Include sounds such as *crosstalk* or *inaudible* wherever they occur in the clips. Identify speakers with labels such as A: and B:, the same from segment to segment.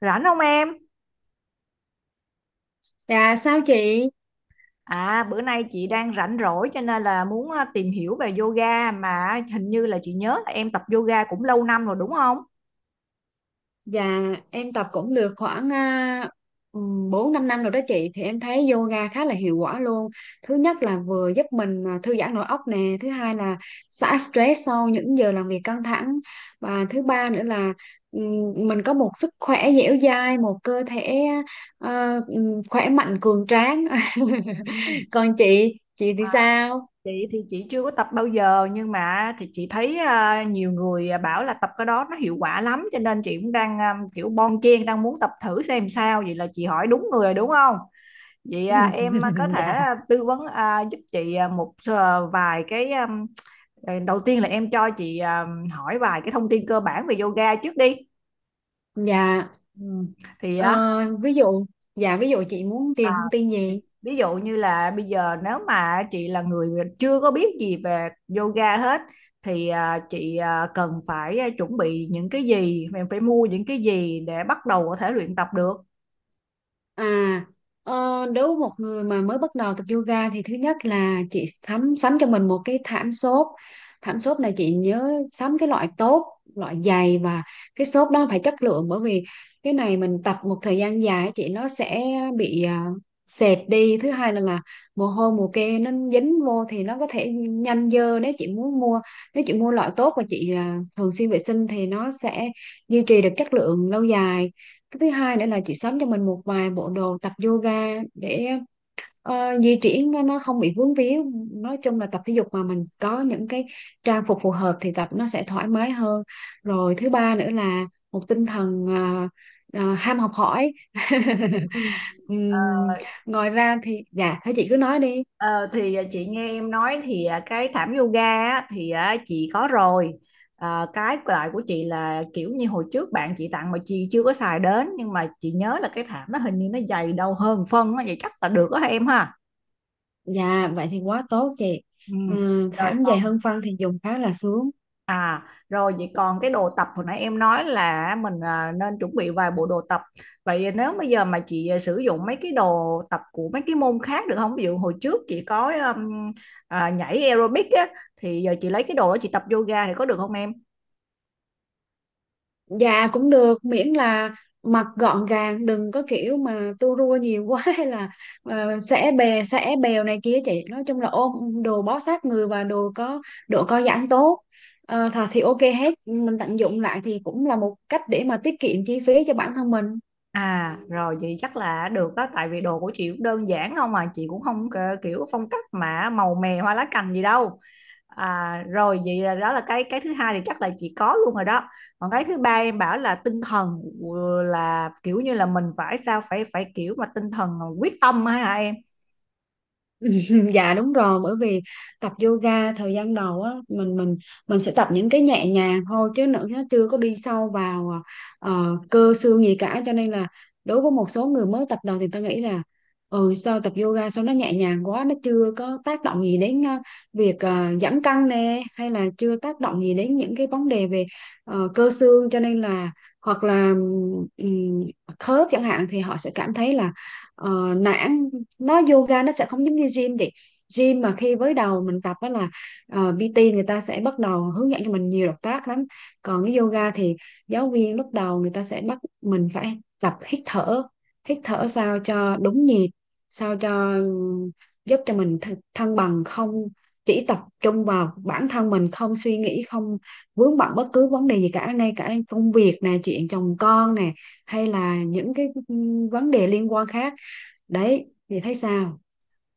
A: Rảnh không em?
B: Dạ sao chị?
A: À bữa nay chị đang rảnh rỗi cho nên là muốn tìm hiểu về yoga, mà hình như là chị nhớ là em tập yoga cũng lâu năm rồi đúng không?
B: Dạ em tập cũng được khoảng 4 năm rồi đó chị. Thì em thấy yoga khá là hiệu quả luôn. Thứ nhất là vừa giúp mình thư giãn nội óc nè. Thứ hai là xả stress sau những giờ làm việc căng thẳng. Và thứ ba nữa là mình có một sức khỏe dẻo dai. Một cơ thể khỏe mạnh cường tráng.
A: Ừ.
B: *laughs* Còn chị thì sao?
A: Chị thì chị chưa có tập bao giờ, nhưng mà thì chị thấy nhiều người bảo là tập cái đó nó hiệu quả lắm, cho nên chị cũng đang kiểu bon chen đang muốn tập thử xem sao, vậy là chị hỏi đúng người rồi đúng không? Vậy
B: *clears throat*
A: em có thể tư vấn giúp chị một vài cái đầu tiên là em cho chị hỏi vài cái thông tin cơ bản về yoga trước đi.
B: Dạ.
A: Ừ. Thì
B: Ờ,
A: á
B: Ví dụ, dạ ví dụ chị muốn
A: à,
B: tìm thông tin gì?
A: ví dụ như là bây giờ nếu mà chị là người chưa có biết gì về yoga hết thì chị cần phải chuẩn bị những cái gì, mình phải mua những cái gì để bắt đầu có thể luyện tập được.
B: À, ờ, Đối với một người mà mới bắt đầu tập yoga thì thứ nhất là chị thắm sắm cho mình một cái thảm xốp. Thảm xốp này chị nhớ sắm cái loại tốt, loại dày, và cái xốp đó phải chất lượng, bởi vì cái này mình tập một thời gian dài chị nó sẽ bị sệt đi. Thứ hai là mồ hôi mồ kê nó dính vô thì nó có thể nhanh dơ. Nếu chị mua loại tốt và chị thường xuyên vệ sinh thì nó sẽ duy trì được chất lượng lâu dài. Cái thứ hai nữa là chị sắm cho mình một vài bộ đồ tập yoga để di chuyển nó không bị vướng víu. Nói chung là tập thể dục mà mình có những cái trang phục phù hợp thì tập nó sẽ thoải mái hơn. Rồi thứ ba nữa là một tinh thần ham học hỏi. *laughs*
A: Ừ. Ờ,
B: Ừm, Ngoài ra thì dạ thế chị cứ nói đi.
A: thì chị nghe em nói thì cái thảm yoga á, thì chị có rồi, cái loại của chị là kiểu như hồi trước bạn chị tặng mà chị chưa có xài đến, nhưng mà chị nhớ là cái thảm nó hình như nó dày đâu hơn phân á, vậy chắc là được đó em ha.
B: Dạ vậy thì quá tốt chị.
A: Ừ. Rồi.
B: Thảm dày hơn phân thì dùng khá là sướng.
A: À, rồi vậy còn cái đồ tập hồi nãy em nói là mình nên chuẩn bị vài bộ đồ tập. Vậy nếu bây giờ mà chị sử dụng mấy cái đồ tập của mấy cái môn khác được không? Ví dụ hồi trước chị có nhảy aerobic á, thì giờ chị lấy cái đồ đó chị tập yoga thì có được không em?
B: Dạ cũng được, miễn là mặc gọn gàng đừng có kiểu mà tua rua nhiều quá, *laughs* hay là uh, xẻ bè xẻ bèo này kia chị, nói chung là ôm đồ bó sát người và đồ có độ co giãn tốt. Thì ok hết, mình tận dụng lại thì cũng là một cách để mà tiết kiệm chi phí cho bản thân mình.
A: À, rồi vậy chắc là được đó, tại vì đồ của chị cũng đơn giản không, mà chị cũng không kiểu phong cách mà màu mè hoa lá cành gì đâu. À, rồi vậy là đó là cái thứ hai thì chắc là chị có luôn rồi đó. Còn cái thứ ba em bảo là tinh thần, là kiểu như là mình phải sao phải phải kiểu mà tinh thần quyết tâm á hả em?
B: *laughs* Dạ đúng rồi, bởi vì tập yoga thời gian đầu á mình sẽ tập những cái nhẹ nhàng thôi, chứ nữa nó chưa có đi sâu vào cơ xương gì cả. Cho nên là đối với một số người mới tập đầu thì ta nghĩ là, ừ sao tập yoga sao nó nhẹ nhàng quá, nó chưa có tác động gì đến việc giảm cân nè, hay là chưa tác động gì đến những cái vấn đề về cơ xương. Cho nên là, hoặc là ừm, khớp chẳng hạn, thì họ sẽ cảm thấy là nản. Yoga nó sẽ không giống như gym vậy. Gym mà khi với đầu mình tập đó là PT người ta sẽ bắt đầu hướng dẫn cho mình nhiều động tác lắm. Còn cái yoga thì giáo viên lúc đầu người ta sẽ bắt mình phải tập hít thở, hít thở sao cho đúng nhịp, sao cho giúp cho mình thăng bằng, không chỉ tập trung vào bản thân mình, không suy nghĩ, không vướng bận bất cứ vấn đề gì cả, ngay cả công việc nè, chuyện chồng con nè, hay là những cái vấn đề liên quan khác. Đấy thì thấy sao?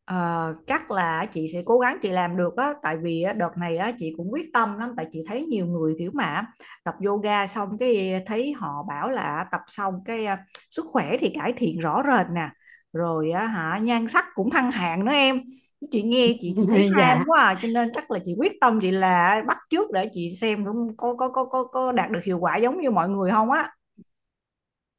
A: Ờ, chắc là chị sẽ cố gắng chị làm được á, tại vì á, đợt này á, chị cũng quyết tâm lắm, tại chị thấy nhiều người kiểu mà tập yoga xong cái thấy họ bảo là tập xong cái sức khỏe thì cải thiện rõ rệt nè, rồi á, hả nhan sắc cũng thăng hạng nữa em. Chị nghe, chị thấy
B: *laughs*
A: ham
B: Dạ.
A: quá cho nên chắc là chị quyết tâm, chị là bắt chước để chị xem cũng có đạt được hiệu quả giống như mọi người không á.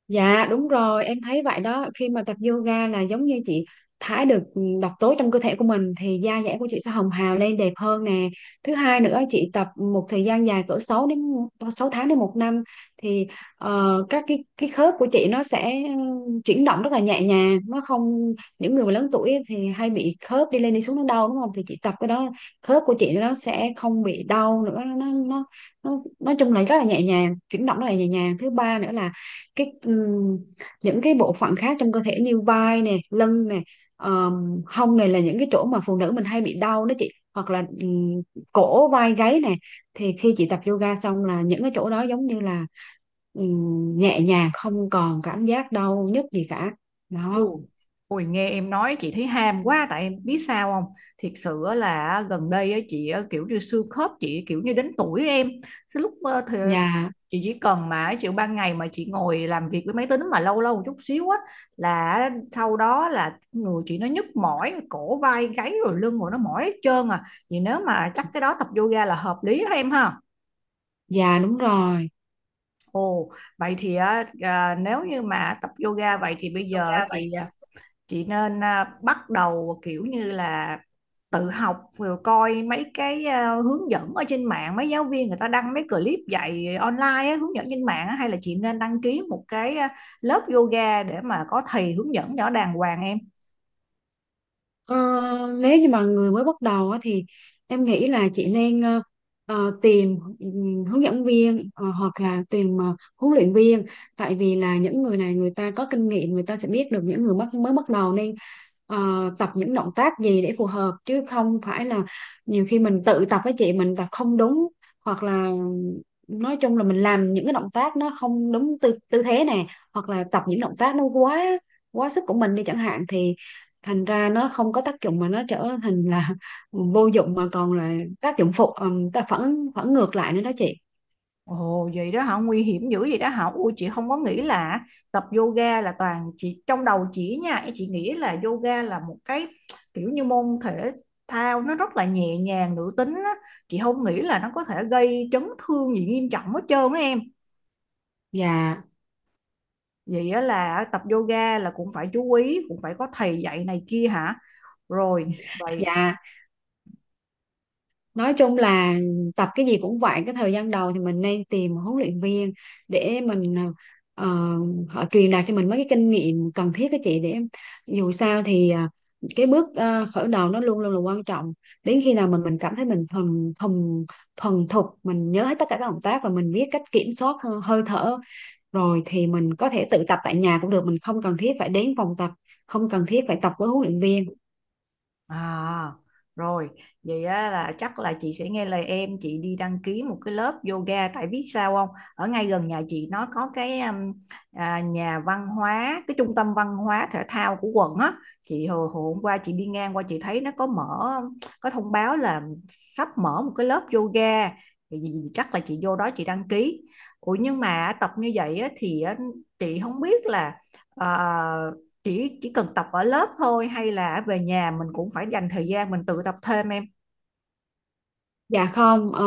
B: Dạ đúng rồi, em thấy vậy đó. Khi mà tập yoga là giống như chị thải được độc tố trong cơ thể của mình thì da dẻ của chị sẽ hồng hào lên đẹp hơn nè. Thứ hai nữa chị tập một thời gian dài cỡ 6 đến 6 tháng đến một năm, thì các cái khớp của chị nó sẽ chuyển động rất là nhẹ nhàng. Nó không Những người mà lớn tuổi thì hay bị khớp đi lên đi xuống nó đau đúng không? Thì chị tập cái đó khớp của chị nó sẽ không bị đau nữa, nó nó nói chung là rất là nhẹ nhàng, chuyển động rất là nhẹ nhàng. Thứ ba nữa là cái những cái bộ phận khác trong cơ thể như vai nè, lưng nè, hông này là những cái chỗ mà phụ nữ mình hay bị đau đó chị, hoặc là cổ vai gáy nè. Thì khi chị tập yoga xong là những cái chỗ đó giống như là nhẹ nhàng, không còn cảm giác đau nhức gì cả.
A: Ừ.
B: Đó.
A: Ôi nghe em nói chị thấy ham quá, tại em biết sao không, thiệt sự á là gần đây á, chị á, kiểu như xương khớp chị kiểu như đến tuổi em, cái lúc thì
B: Dạ.
A: chị chỉ cần mà chịu ban ngày mà chị ngồi làm việc với máy tính mà lâu lâu một chút xíu á là sau đó là người chị nó nhức mỏi cổ vai gáy, rồi lưng, rồi nó mỏi hết trơn à. Vậy nếu mà chắc cái đó tập yoga là hợp lý ha em ha.
B: Dạ đúng rồi.
A: Ồ, vậy thì á, nếu như mà tập yoga vậy thì bây
B: Yoga
A: giờ
B: vậy
A: chị nên bắt đầu kiểu như là tự học rồi coi mấy cái hướng dẫn ở trên mạng, mấy giáo viên người ta đăng mấy clip dạy online á, hướng dẫn trên mạng á, hay là chị nên đăng ký một cái lớp yoga để mà có thầy hướng dẫn cho đàng hoàng em?
B: Ờ, Nếu như mà người mới bắt đầu á, thì em nghĩ là chị nên tìm hướng dẫn viên, hoặc là tìm huấn luyện viên. Tại vì là những người này người ta có kinh nghiệm, người ta sẽ biết được những người mới bắt đầu nên ờ, tập những động tác gì để phù hợp, chứ không phải là nhiều khi mình tự tập với chị mình tập không đúng, hoặc là nói chung là mình làm những cái động tác nó không đúng tư tư thế nè, hoặc là tập những động tác nó quá quá sức của mình đi chẳng hạn, thì thành ra nó không có tác dụng mà nó trở thành là *laughs* vô dụng, mà còn là tác dụng phụ, ta phản phản ngược lại nữa đó chị.
A: Ồ vậy đó hả? Nguy hiểm dữ vậy đó hả? Ui, chị không có nghĩ là tập yoga, là toàn chị trong đầu chị nha, chị nghĩ là yoga là một cái kiểu như môn thể thao nó rất là nhẹ nhàng nữ tính á. Chị không nghĩ là nó có thể gây chấn thương gì nghiêm trọng hết trơn á em.
B: Dạ.
A: Vậy á là tập yoga là cũng phải chú ý, cũng phải có thầy dạy này kia hả? Rồi vậy.
B: Dạ nói chung là tập cái gì cũng vậy, cái thời gian đầu thì mình nên tìm một huấn luyện viên để ờ, họ truyền đạt cho mình mấy cái kinh nghiệm cần thiết đó chị, để dù sao thì cái bước khởi đầu nó luôn luôn là quan trọng. Đến khi nào mình cảm thấy mình thuần thuần thuần thục, mình nhớ hết tất cả các động tác và mình biết cách kiểm soát hơi thở rồi, thì mình có thể tự tập tại nhà cũng được, mình không cần thiết phải đến phòng tập, không cần thiết phải tập với huấn luyện viên.
A: À, rồi, vậy á, là chắc là chị sẽ nghe lời em, chị đi đăng ký một cái lớp yoga, tại biết sao không? Ở ngay gần nhà chị nó có cái nhà văn hóa, cái trung tâm văn hóa thể thao của quận á. Chị hồi hôm qua chị đi ngang qua chị thấy nó có mở, có thông báo là sắp mở một cái lớp yoga. Thì chắc là chị vô đó chị đăng ký. Ủa nhưng mà tập như vậy á, thì á, chị không biết là ờ, chỉ cần tập ở lớp thôi, hay là về nhà mình cũng phải dành thời gian mình tự tập thêm em?
B: Dạ không,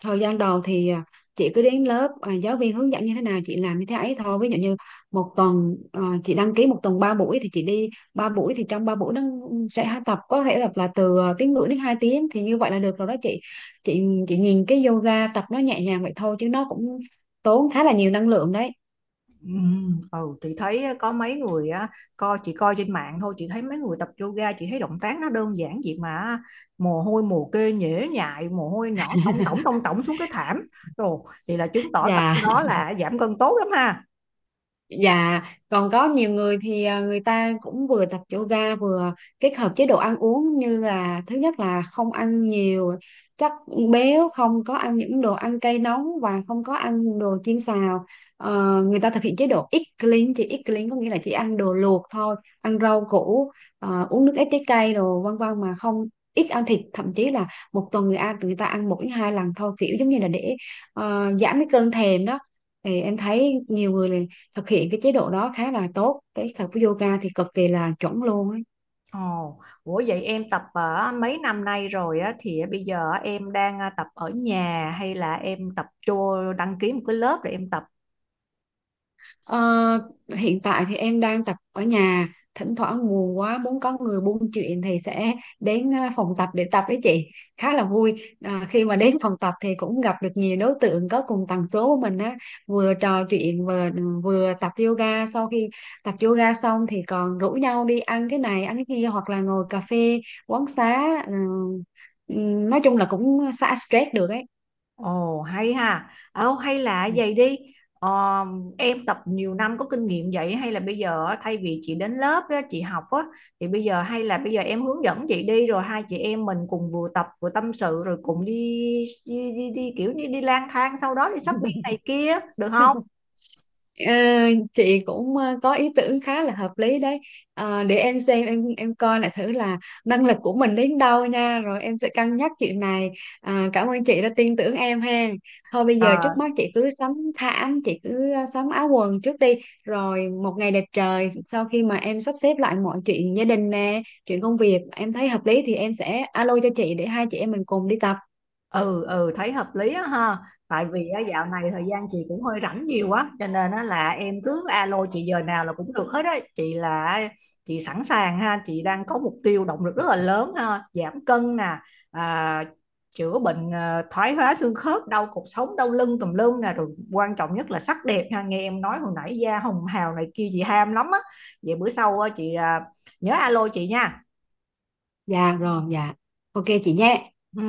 B: thời gian đầu thì chị cứ đến lớp, giáo viên hướng dẫn như thế nào chị làm như thế ấy thôi. Ví dụ như một tuần chị đăng ký một tuần 3 buổi thì chị đi 3 buổi, thì trong 3 buổi nó sẽ tập, có thể tập là từ tiếng rưỡi đến 2 tiếng, thì như vậy là được rồi đó chị. Chị nhìn cái yoga tập nó nhẹ nhàng vậy thôi chứ nó cũng tốn khá là nhiều năng lượng đấy.
A: Ừ, ừ thì thấy có mấy người á, coi chị coi trên mạng thôi, chị thấy mấy người tập yoga, chị thấy động tác nó đơn giản vậy mà mồ hôi mồ kê nhễ nhại, mồ hôi nhỏ
B: *laughs*
A: tông tổng xuống cái thảm. Rồi thì là chứng tỏ tập
B: Dạ.
A: cái đó là giảm cân tốt lắm ha.
B: Dạ, còn có nhiều người thì người ta cũng vừa tập yoga vừa kết hợp chế độ ăn uống như là thứ nhất là không ăn nhiều chất béo, không có ăn những đồ ăn cay nóng và không có ăn đồ chiên xào. Người ta thực hiện chế độ eat clean, chỉ eat clean có nghĩa là chỉ ăn đồ luộc thôi, ăn rau củ, uống nước ép trái cây đồ vân vân, mà không ít ăn thịt, thậm chí là một tuần người ta ăn 1 đến 2 lần thôi, kiểu giống như là để giảm cái cơn thèm đó. Thì em thấy nhiều người thực hiện cái chế độ đó khá là tốt, cái tập yoga thì cực kỳ là chuẩn luôn ấy.
A: Ồ, ủa vậy em tập ở mấy năm nay rồi á, thì bây giờ em đang tập ở nhà hay là em tập cho đăng ký một cái lớp để em tập?
B: Ờ, Hiện tại thì em đang tập ở nhà, thỉnh thoảng buồn quá muốn có người buôn chuyện thì sẽ đến phòng tập để tập với chị. Khá là vui khi mà đến phòng tập thì cũng gặp được nhiều đối tượng có cùng tần số của mình á, vừa trò chuyện vừa tập yoga. Sau khi tập yoga xong thì còn rủ nhau đi ăn cái này ăn cái kia, hoặc là ngồi cà phê quán xá, ừ, nói chung là cũng xả stress được ấy.
A: Ồ hay ha. Ồ hay là vậy đi. Ờ, em tập nhiều năm có kinh nghiệm vậy, hay là bây giờ á, thay vì chị đến lớp á, chị học á, thì bây giờ hay là bây giờ em hướng dẫn chị đi, rồi hai chị em mình cùng vừa tập vừa tâm sự, rồi cùng đi đi đi, đi kiểu như đi lang thang sau đó đi shopping này kia được không?
B: Ờ, chị cũng có ý tưởng khá là hợp lý đấy. Để em xem, em coi lại thử là năng lực của mình đến đâu nha, rồi em sẽ cân nhắc chuyện này. Cảm ơn chị đã tin tưởng em ha. Thôi bây giờ trước mắt chị cứ sắm thảm, chị cứ sắm áo quần trước đi, rồi một ngày đẹp trời sau khi mà em sắp xếp lại mọi chuyện gia đình nè, chuyện công việc em thấy hợp lý thì em sẽ alo cho chị để hai chị em mình cùng đi tập.
A: Ừ, ừ, thấy hợp lý á ha. Tại vì á, dạo này thời gian chị cũng hơi rảnh nhiều quá, cho nên á, là em cứ alo chị giờ nào là cũng được hết á. Chị là chị sẵn sàng ha, chị đang có mục tiêu động lực rất là lớn ha, giảm cân nè, à, chữa bệnh thoái hóa xương khớp, đau cột sống, đau lưng tùm lum nè, rồi quan trọng nhất là sắc đẹp ha. Nghe em nói hồi nãy da hồng hào này kia chị ham lắm á. Vậy bữa sau á, chị nhớ alo chị nha.
B: Dạ rồi. Dạ ok chị nhé.
A: Ừ.